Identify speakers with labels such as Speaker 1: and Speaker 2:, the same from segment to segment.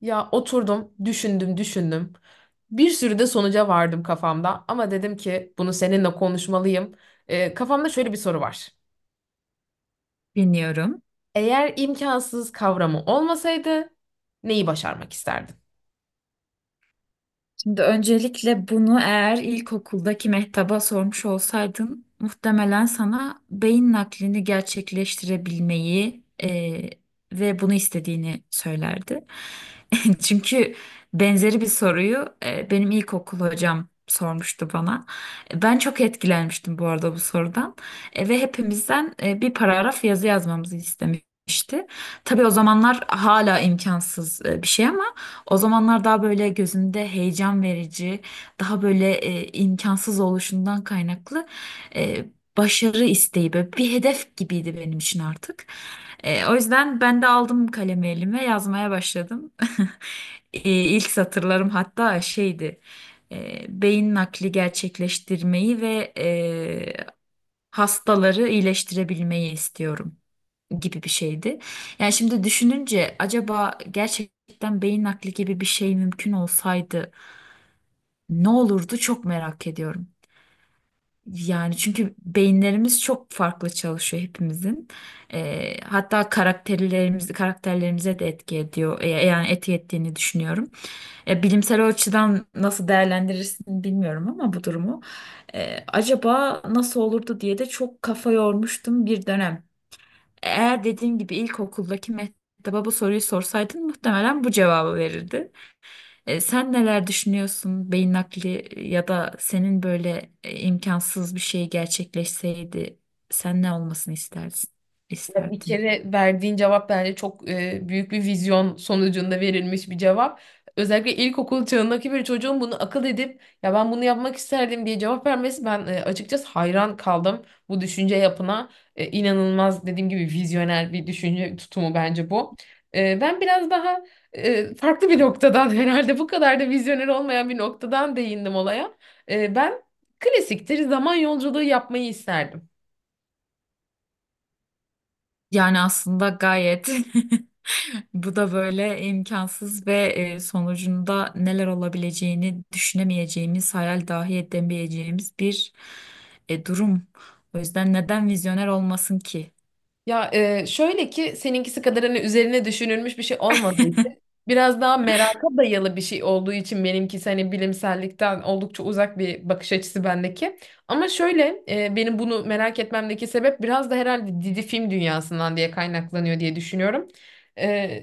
Speaker 1: Ya oturdum, düşündüm, düşündüm. Bir sürü de sonuca vardım kafamda ama dedim ki bunu seninle konuşmalıyım. Kafamda şöyle bir soru var.
Speaker 2: Dinliyorum.
Speaker 1: Eğer imkansız kavramı olmasaydı neyi başarmak isterdin?
Speaker 2: Şimdi öncelikle bunu eğer ilkokuldaki mehtaba sormuş olsaydın muhtemelen sana beyin naklini gerçekleştirebilmeyi ve bunu istediğini söylerdi. Çünkü benzeri bir soruyu benim ilkokul hocam sormuştu bana. Ben çok etkilenmiştim bu arada bu sorudan. Ve hepimizden bir paragraf yazı yazmamızı istemişti. Tabii o zamanlar hala imkansız bir şey ama o zamanlar daha böyle gözümde heyecan verici, daha böyle imkansız oluşundan kaynaklı e, başarı isteği böyle bir hedef gibiydi benim için artık. O yüzden ben de aldım kalemi elime yazmaya başladım. E, İlk satırlarım hatta şeydi. Beyin nakli gerçekleştirmeyi ve hastaları iyileştirebilmeyi istiyorum gibi bir şeydi. Yani şimdi düşününce acaba gerçekten beyin nakli gibi bir şey mümkün olsaydı ne olurdu çok merak ediyorum. Yani çünkü beyinlerimiz çok farklı çalışıyor hepimizin. Hatta karakterlerimizi karakterlerimize de etki ediyor. Yani etki ettiğini düşünüyorum. Bilimsel açıdan nasıl değerlendirirsin bilmiyorum ama bu durumu. Acaba nasıl olurdu diye de çok kafa yormuştum bir dönem. Eğer dediğim gibi ilkokuldaki mektaba bu soruyu sorsaydın muhtemelen bu cevabı verirdi. Sen neler düşünüyorsun? Beyin nakli ya da senin böyle imkansız bir şey gerçekleşseydi sen ne olmasını istersin,
Speaker 1: Ya bir
Speaker 2: isterdin?
Speaker 1: kere verdiğin cevap bence çok büyük bir vizyon sonucunda verilmiş bir cevap. Özellikle ilkokul çağındaki bir çocuğun bunu akıl edip ya ben bunu yapmak isterdim diye cevap vermesi ben açıkçası hayran kaldım bu düşünce yapına. İnanılmaz dediğim gibi vizyoner bir düşünce tutumu bence bu. Ben biraz daha farklı bir noktadan herhalde bu kadar da vizyoner olmayan bir noktadan değindim olaya. Ben klasiktir zaman yolculuğu yapmayı isterdim.
Speaker 2: Yani aslında gayet bu da böyle imkansız ve sonucunda neler olabileceğini düşünemeyeceğimiz, hayal dahi edemeyeceğimiz bir durum. O yüzden neden vizyoner olmasın ki?
Speaker 1: Ya şöyle ki seninkisi kadar hani üzerine düşünülmüş bir şey olmadığı için biraz daha meraka dayalı bir şey olduğu için benimkisi hani bilimsellikten oldukça uzak bir bakış açısı bendeki. Ama şöyle benim bunu merak etmemdeki sebep biraz da herhalde dizi film dünyasından diye kaynaklanıyor diye düşünüyorum.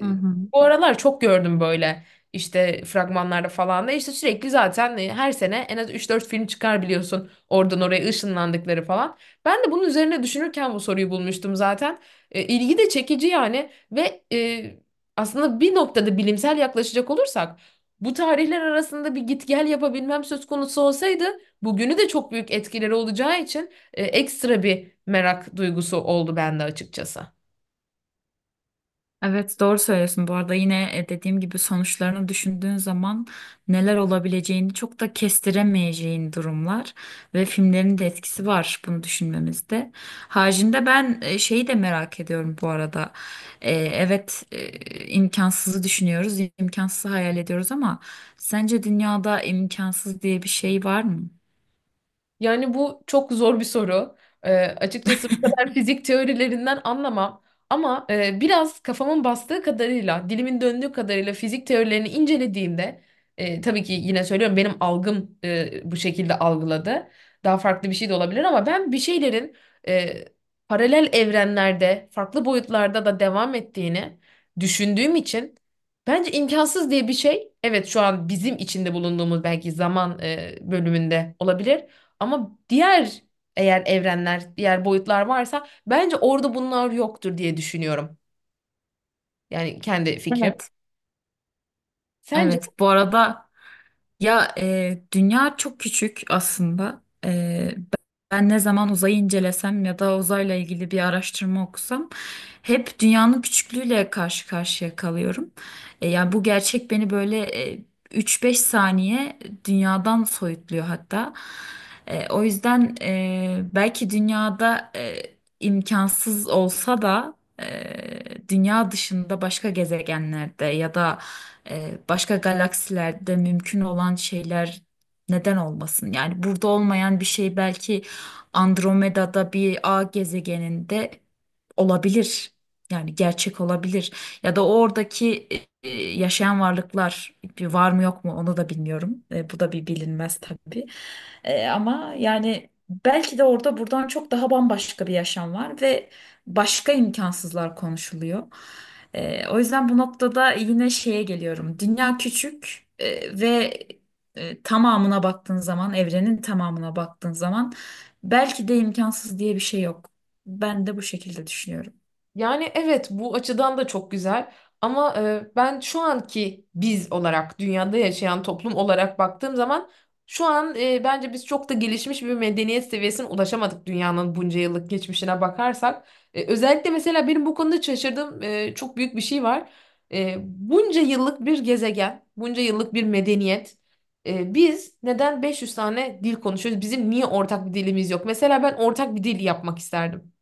Speaker 2: Hı hı.
Speaker 1: Bu aralar çok gördüm böyle işte fragmanlarda falan da işte sürekli zaten her sene en az üç dört film çıkar biliyorsun oradan oraya ışınlandıkları falan. Ben de bunun üzerine düşünürken bu soruyu bulmuştum zaten. İlgi de çekici yani ve aslında bir noktada bilimsel yaklaşacak olursak bu tarihler arasında bir git gel yapabilmem söz konusu olsaydı bugünü de çok büyük etkileri olacağı için ekstra bir merak duygusu oldu bende açıkçası.
Speaker 2: Evet, doğru söylüyorsun bu arada. Yine dediğim gibi sonuçlarını düşündüğün zaman neler olabileceğini çok da kestiremeyeceğin durumlar ve filmlerin de etkisi var bunu düşünmemizde. Haricinde ben şeyi de merak ediyorum bu arada. Evet, imkansızı düşünüyoruz, imkansızı hayal ediyoruz ama sence dünyada imkansız diye bir şey var mı?
Speaker 1: Yani bu çok zor bir soru. Açıkçası bu kadar fizik teorilerinden anlamam. Ama biraz kafamın bastığı kadarıyla, dilimin döndüğü kadarıyla fizik teorilerini incelediğimde, tabii ki yine söylüyorum benim algım bu şekilde algıladı. Daha farklı bir şey de olabilir ama ben bir şeylerin e, paralel evrenlerde, farklı boyutlarda da devam ettiğini düşündüğüm için bence imkansız diye bir şey, evet şu an bizim içinde bulunduğumuz belki zaman bölümünde olabilir. Ama diğer eğer evrenler, diğer boyutlar varsa bence orada bunlar yoktur diye düşünüyorum. Yani kendi fikrim.
Speaker 2: Evet.
Speaker 1: Sence?
Speaker 2: Evet, bu arada. Ya, dünya çok küçük aslında. Ben ne zaman uzayı incelesem ya da uzayla ilgili bir araştırma okusam hep dünyanın küçüklüğüyle karşı karşıya kalıyorum. Yani bu gerçek beni böyle e, 3-5 saniye dünyadan soyutluyor hatta. O yüzden belki dünyada imkansız olsa da dünya dışında başka gezegenlerde ya da başka galaksilerde mümkün olan şeyler neden olmasın? Yani burada olmayan bir şey belki Andromeda'da bir A gezegeninde olabilir. Yani gerçek olabilir. Ya da oradaki yaşayan varlıklar bir var mı yok mu onu da bilmiyorum. Bu da bir bilinmez tabii. Ama yani belki de orada buradan çok daha bambaşka bir yaşam var ve başka imkansızlar konuşuluyor. O yüzden bu noktada yine şeye geliyorum. Dünya küçük ve tamamına baktığın zaman, evrenin tamamına baktığın zaman belki de imkansız diye bir şey yok. Ben de bu şekilde düşünüyorum.
Speaker 1: Yani evet bu açıdan da çok güzel ama ben şu anki biz olarak dünyada yaşayan toplum olarak baktığım zaman şu an bence biz çok da gelişmiş bir medeniyet seviyesine ulaşamadık dünyanın bunca yıllık geçmişine bakarsak. Özellikle mesela benim bu konuda şaşırdığım çok büyük bir şey var. Bunca yıllık bir gezegen, bunca yıllık bir medeniyet. Biz neden 500 tane dil konuşuyoruz? Bizim niye ortak bir dilimiz yok? Mesela ben ortak bir dil yapmak isterdim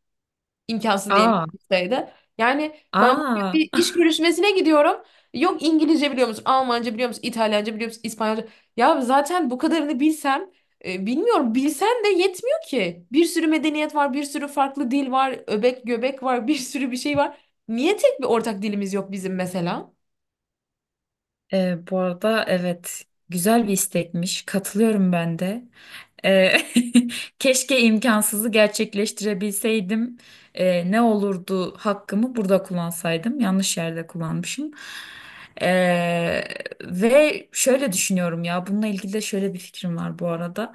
Speaker 1: imkansız diye bir
Speaker 2: Aa,
Speaker 1: şeydi. Yani ben bugün
Speaker 2: aa.
Speaker 1: bir iş görüşmesine gidiyorum. Yok, İngilizce biliyor musun? Almanca biliyor musun? İtalyanca biliyor musun? İspanyolca. Ya zaten bu kadarını bilsem bilmiyorum bilsen de yetmiyor ki. Bir sürü medeniyet var, bir sürü farklı dil var, öbek göbek var, bir sürü bir şey var. Niye tek bir ortak dilimiz yok bizim mesela?
Speaker 2: Bu arada evet, güzel bir istekmiş. Katılıyorum ben de. Ee, Keşke imkansızı gerçekleştirebilseydim. Ne olurdu hakkımı burada kullansaydım. Yanlış yerde kullanmışım. Ee, ve şöyle düşünüyorum, ya bununla ilgili de şöyle bir fikrim var bu arada.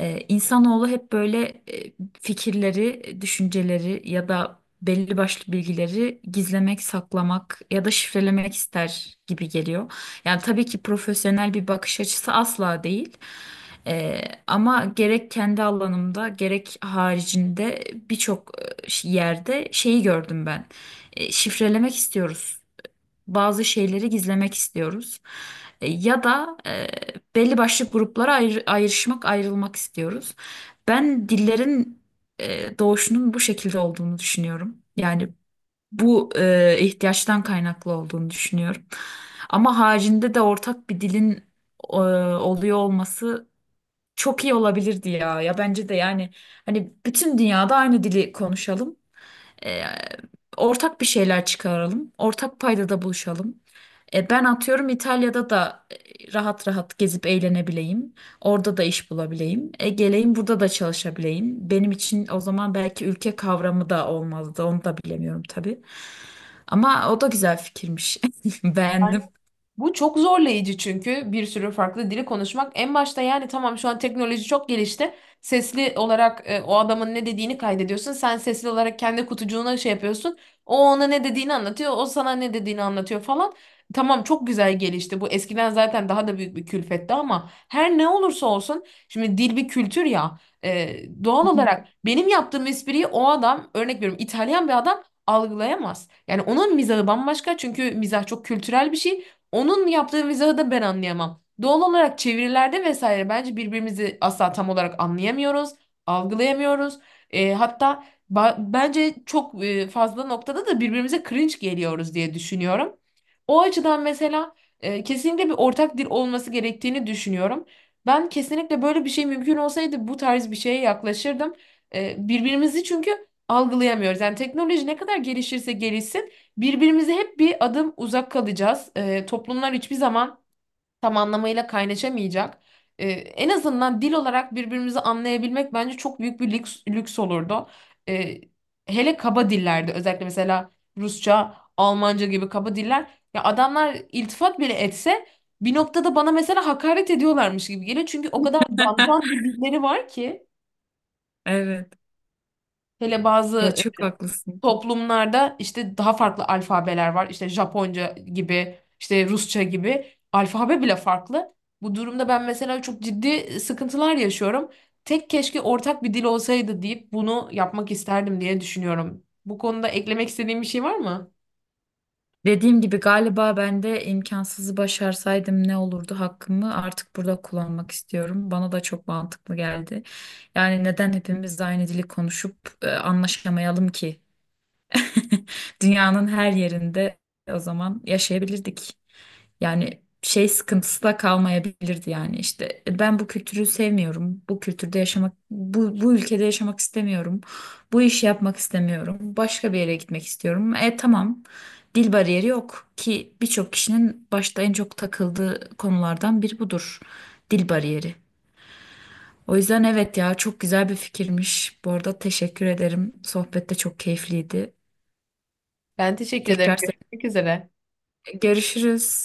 Speaker 2: İnsanoğlu hep böyle fikirleri, düşünceleri ya da belli başlı bilgileri gizlemek, saklamak ya da şifrelemek ister gibi geliyor. Yani tabii ki profesyonel bir bakış açısı asla değil. Ee, Ama gerek kendi alanımda gerek haricinde birçok yerde şeyi gördüm ben. Şifrelemek istiyoruz. Bazı şeyleri gizlemek istiyoruz. Ya da belli başlı gruplara ayrışmak, ayrılmak istiyoruz. Ben dillerin doğuşunun bu şekilde olduğunu düşünüyorum. Yani bu ihtiyaçtan kaynaklı olduğunu düşünüyorum. Ama haricinde de ortak bir dilin e, oluyor olması çok iyi olabilirdi ya. Ya, bence de yani hani bütün dünyada aynı dili konuşalım. E, Ortak bir şeyler çıkaralım. Ortak paydada buluşalım. Ben atıyorum İtalya'da da rahat rahat gezip eğlenebileyim. Orada da iş bulabileyim. Geleyim burada da çalışabileyim. Benim için o zaman belki ülke kavramı da olmazdı. Onu da bilemiyorum tabii. Ama o da güzel fikirmiş. Beğendim.
Speaker 1: Bu çok zorlayıcı çünkü bir sürü farklı dili konuşmak. En başta yani tamam şu an teknoloji çok gelişti. Sesli olarak o adamın ne dediğini kaydediyorsun. Sen sesli olarak kendi kutucuğuna şey yapıyorsun. O ona ne dediğini anlatıyor. O sana ne dediğini anlatıyor falan. Tamam, çok güzel gelişti. Bu eskiden zaten daha da büyük bir külfetti ama her ne olursa olsun şimdi dil bir kültür ya. Doğal olarak benim yaptığım espriyi o adam, örnek veriyorum, İtalyan bir adam algılayamaz. Yani onun mizahı bambaşka çünkü mizah çok kültürel bir şey. Onun yaptığı mizahı da ben anlayamam. Doğal olarak çevirilerde vesaire bence birbirimizi asla tam olarak anlayamıyoruz, algılayamıyoruz. E, hatta Bence çok fazla noktada da birbirimize cringe geliyoruz diye düşünüyorum. O açıdan mesela kesinlikle bir ortak dil olması gerektiğini düşünüyorum. Ben kesinlikle böyle bir şey mümkün olsaydı bu tarz bir şeye yaklaşırdım. Birbirimizi çünkü algılayamıyoruz. Yani teknoloji ne kadar gelişirse gelişsin birbirimize hep bir adım uzak kalacağız. Toplumlar hiçbir zaman tam anlamıyla kaynaşamayacak. En azından dil olarak birbirimizi anlayabilmek bence çok büyük bir lüks olurdu. Ee, Hele kaba dillerde özellikle mesela Rusça, Almanca gibi kaba diller. Ya adamlar iltifat bile etse bir noktada bana mesela hakaret ediyorlarmış gibi geliyor. Çünkü o kadar dandan bir dilleri var ki
Speaker 2: Evet.
Speaker 1: hele
Speaker 2: Ya,
Speaker 1: bazı
Speaker 2: çok haklısın.
Speaker 1: toplumlarda işte daha farklı alfabeler var. İşte Japonca gibi, işte Rusça gibi. Alfabe bile farklı. Bu durumda ben mesela çok ciddi sıkıntılar yaşıyorum. Tek keşke ortak bir dil olsaydı deyip bunu yapmak isterdim diye düşünüyorum. Bu konuda eklemek istediğin bir şey var mı?
Speaker 2: Dediğim gibi galiba ben de imkansızı başarsaydım ne olurdu hakkımı artık burada kullanmak istiyorum. Bana da çok mantıklı geldi. Yani neden hepimiz aynı dili konuşup anlaşamayalım ki? Dünyanın her yerinde o zaman yaşayabilirdik. Yani şey sıkıntısı da kalmayabilirdi, yani işte: "Ben bu kültürü sevmiyorum. Bu kültürde yaşamak, bu ülkede yaşamak istemiyorum. Bu işi yapmak istemiyorum. Başka bir yere gitmek istiyorum. Tamam. Dil bariyeri yok ki, birçok kişinin başta en çok takıldığı konulardan biri budur. Dil bariyeri." O yüzden evet, ya çok güzel bir fikirmiş. Bu arada teşekkür ederim. Sohbet de çok keyifliydi.
Speaker 1: Ben teşekkür ederim.
Speaker 2: Tekrar
Speaker 1: Görüşmek
Speaker 2: seninle
Speaker 1: üzere.
Speaker 2: görüşürüz.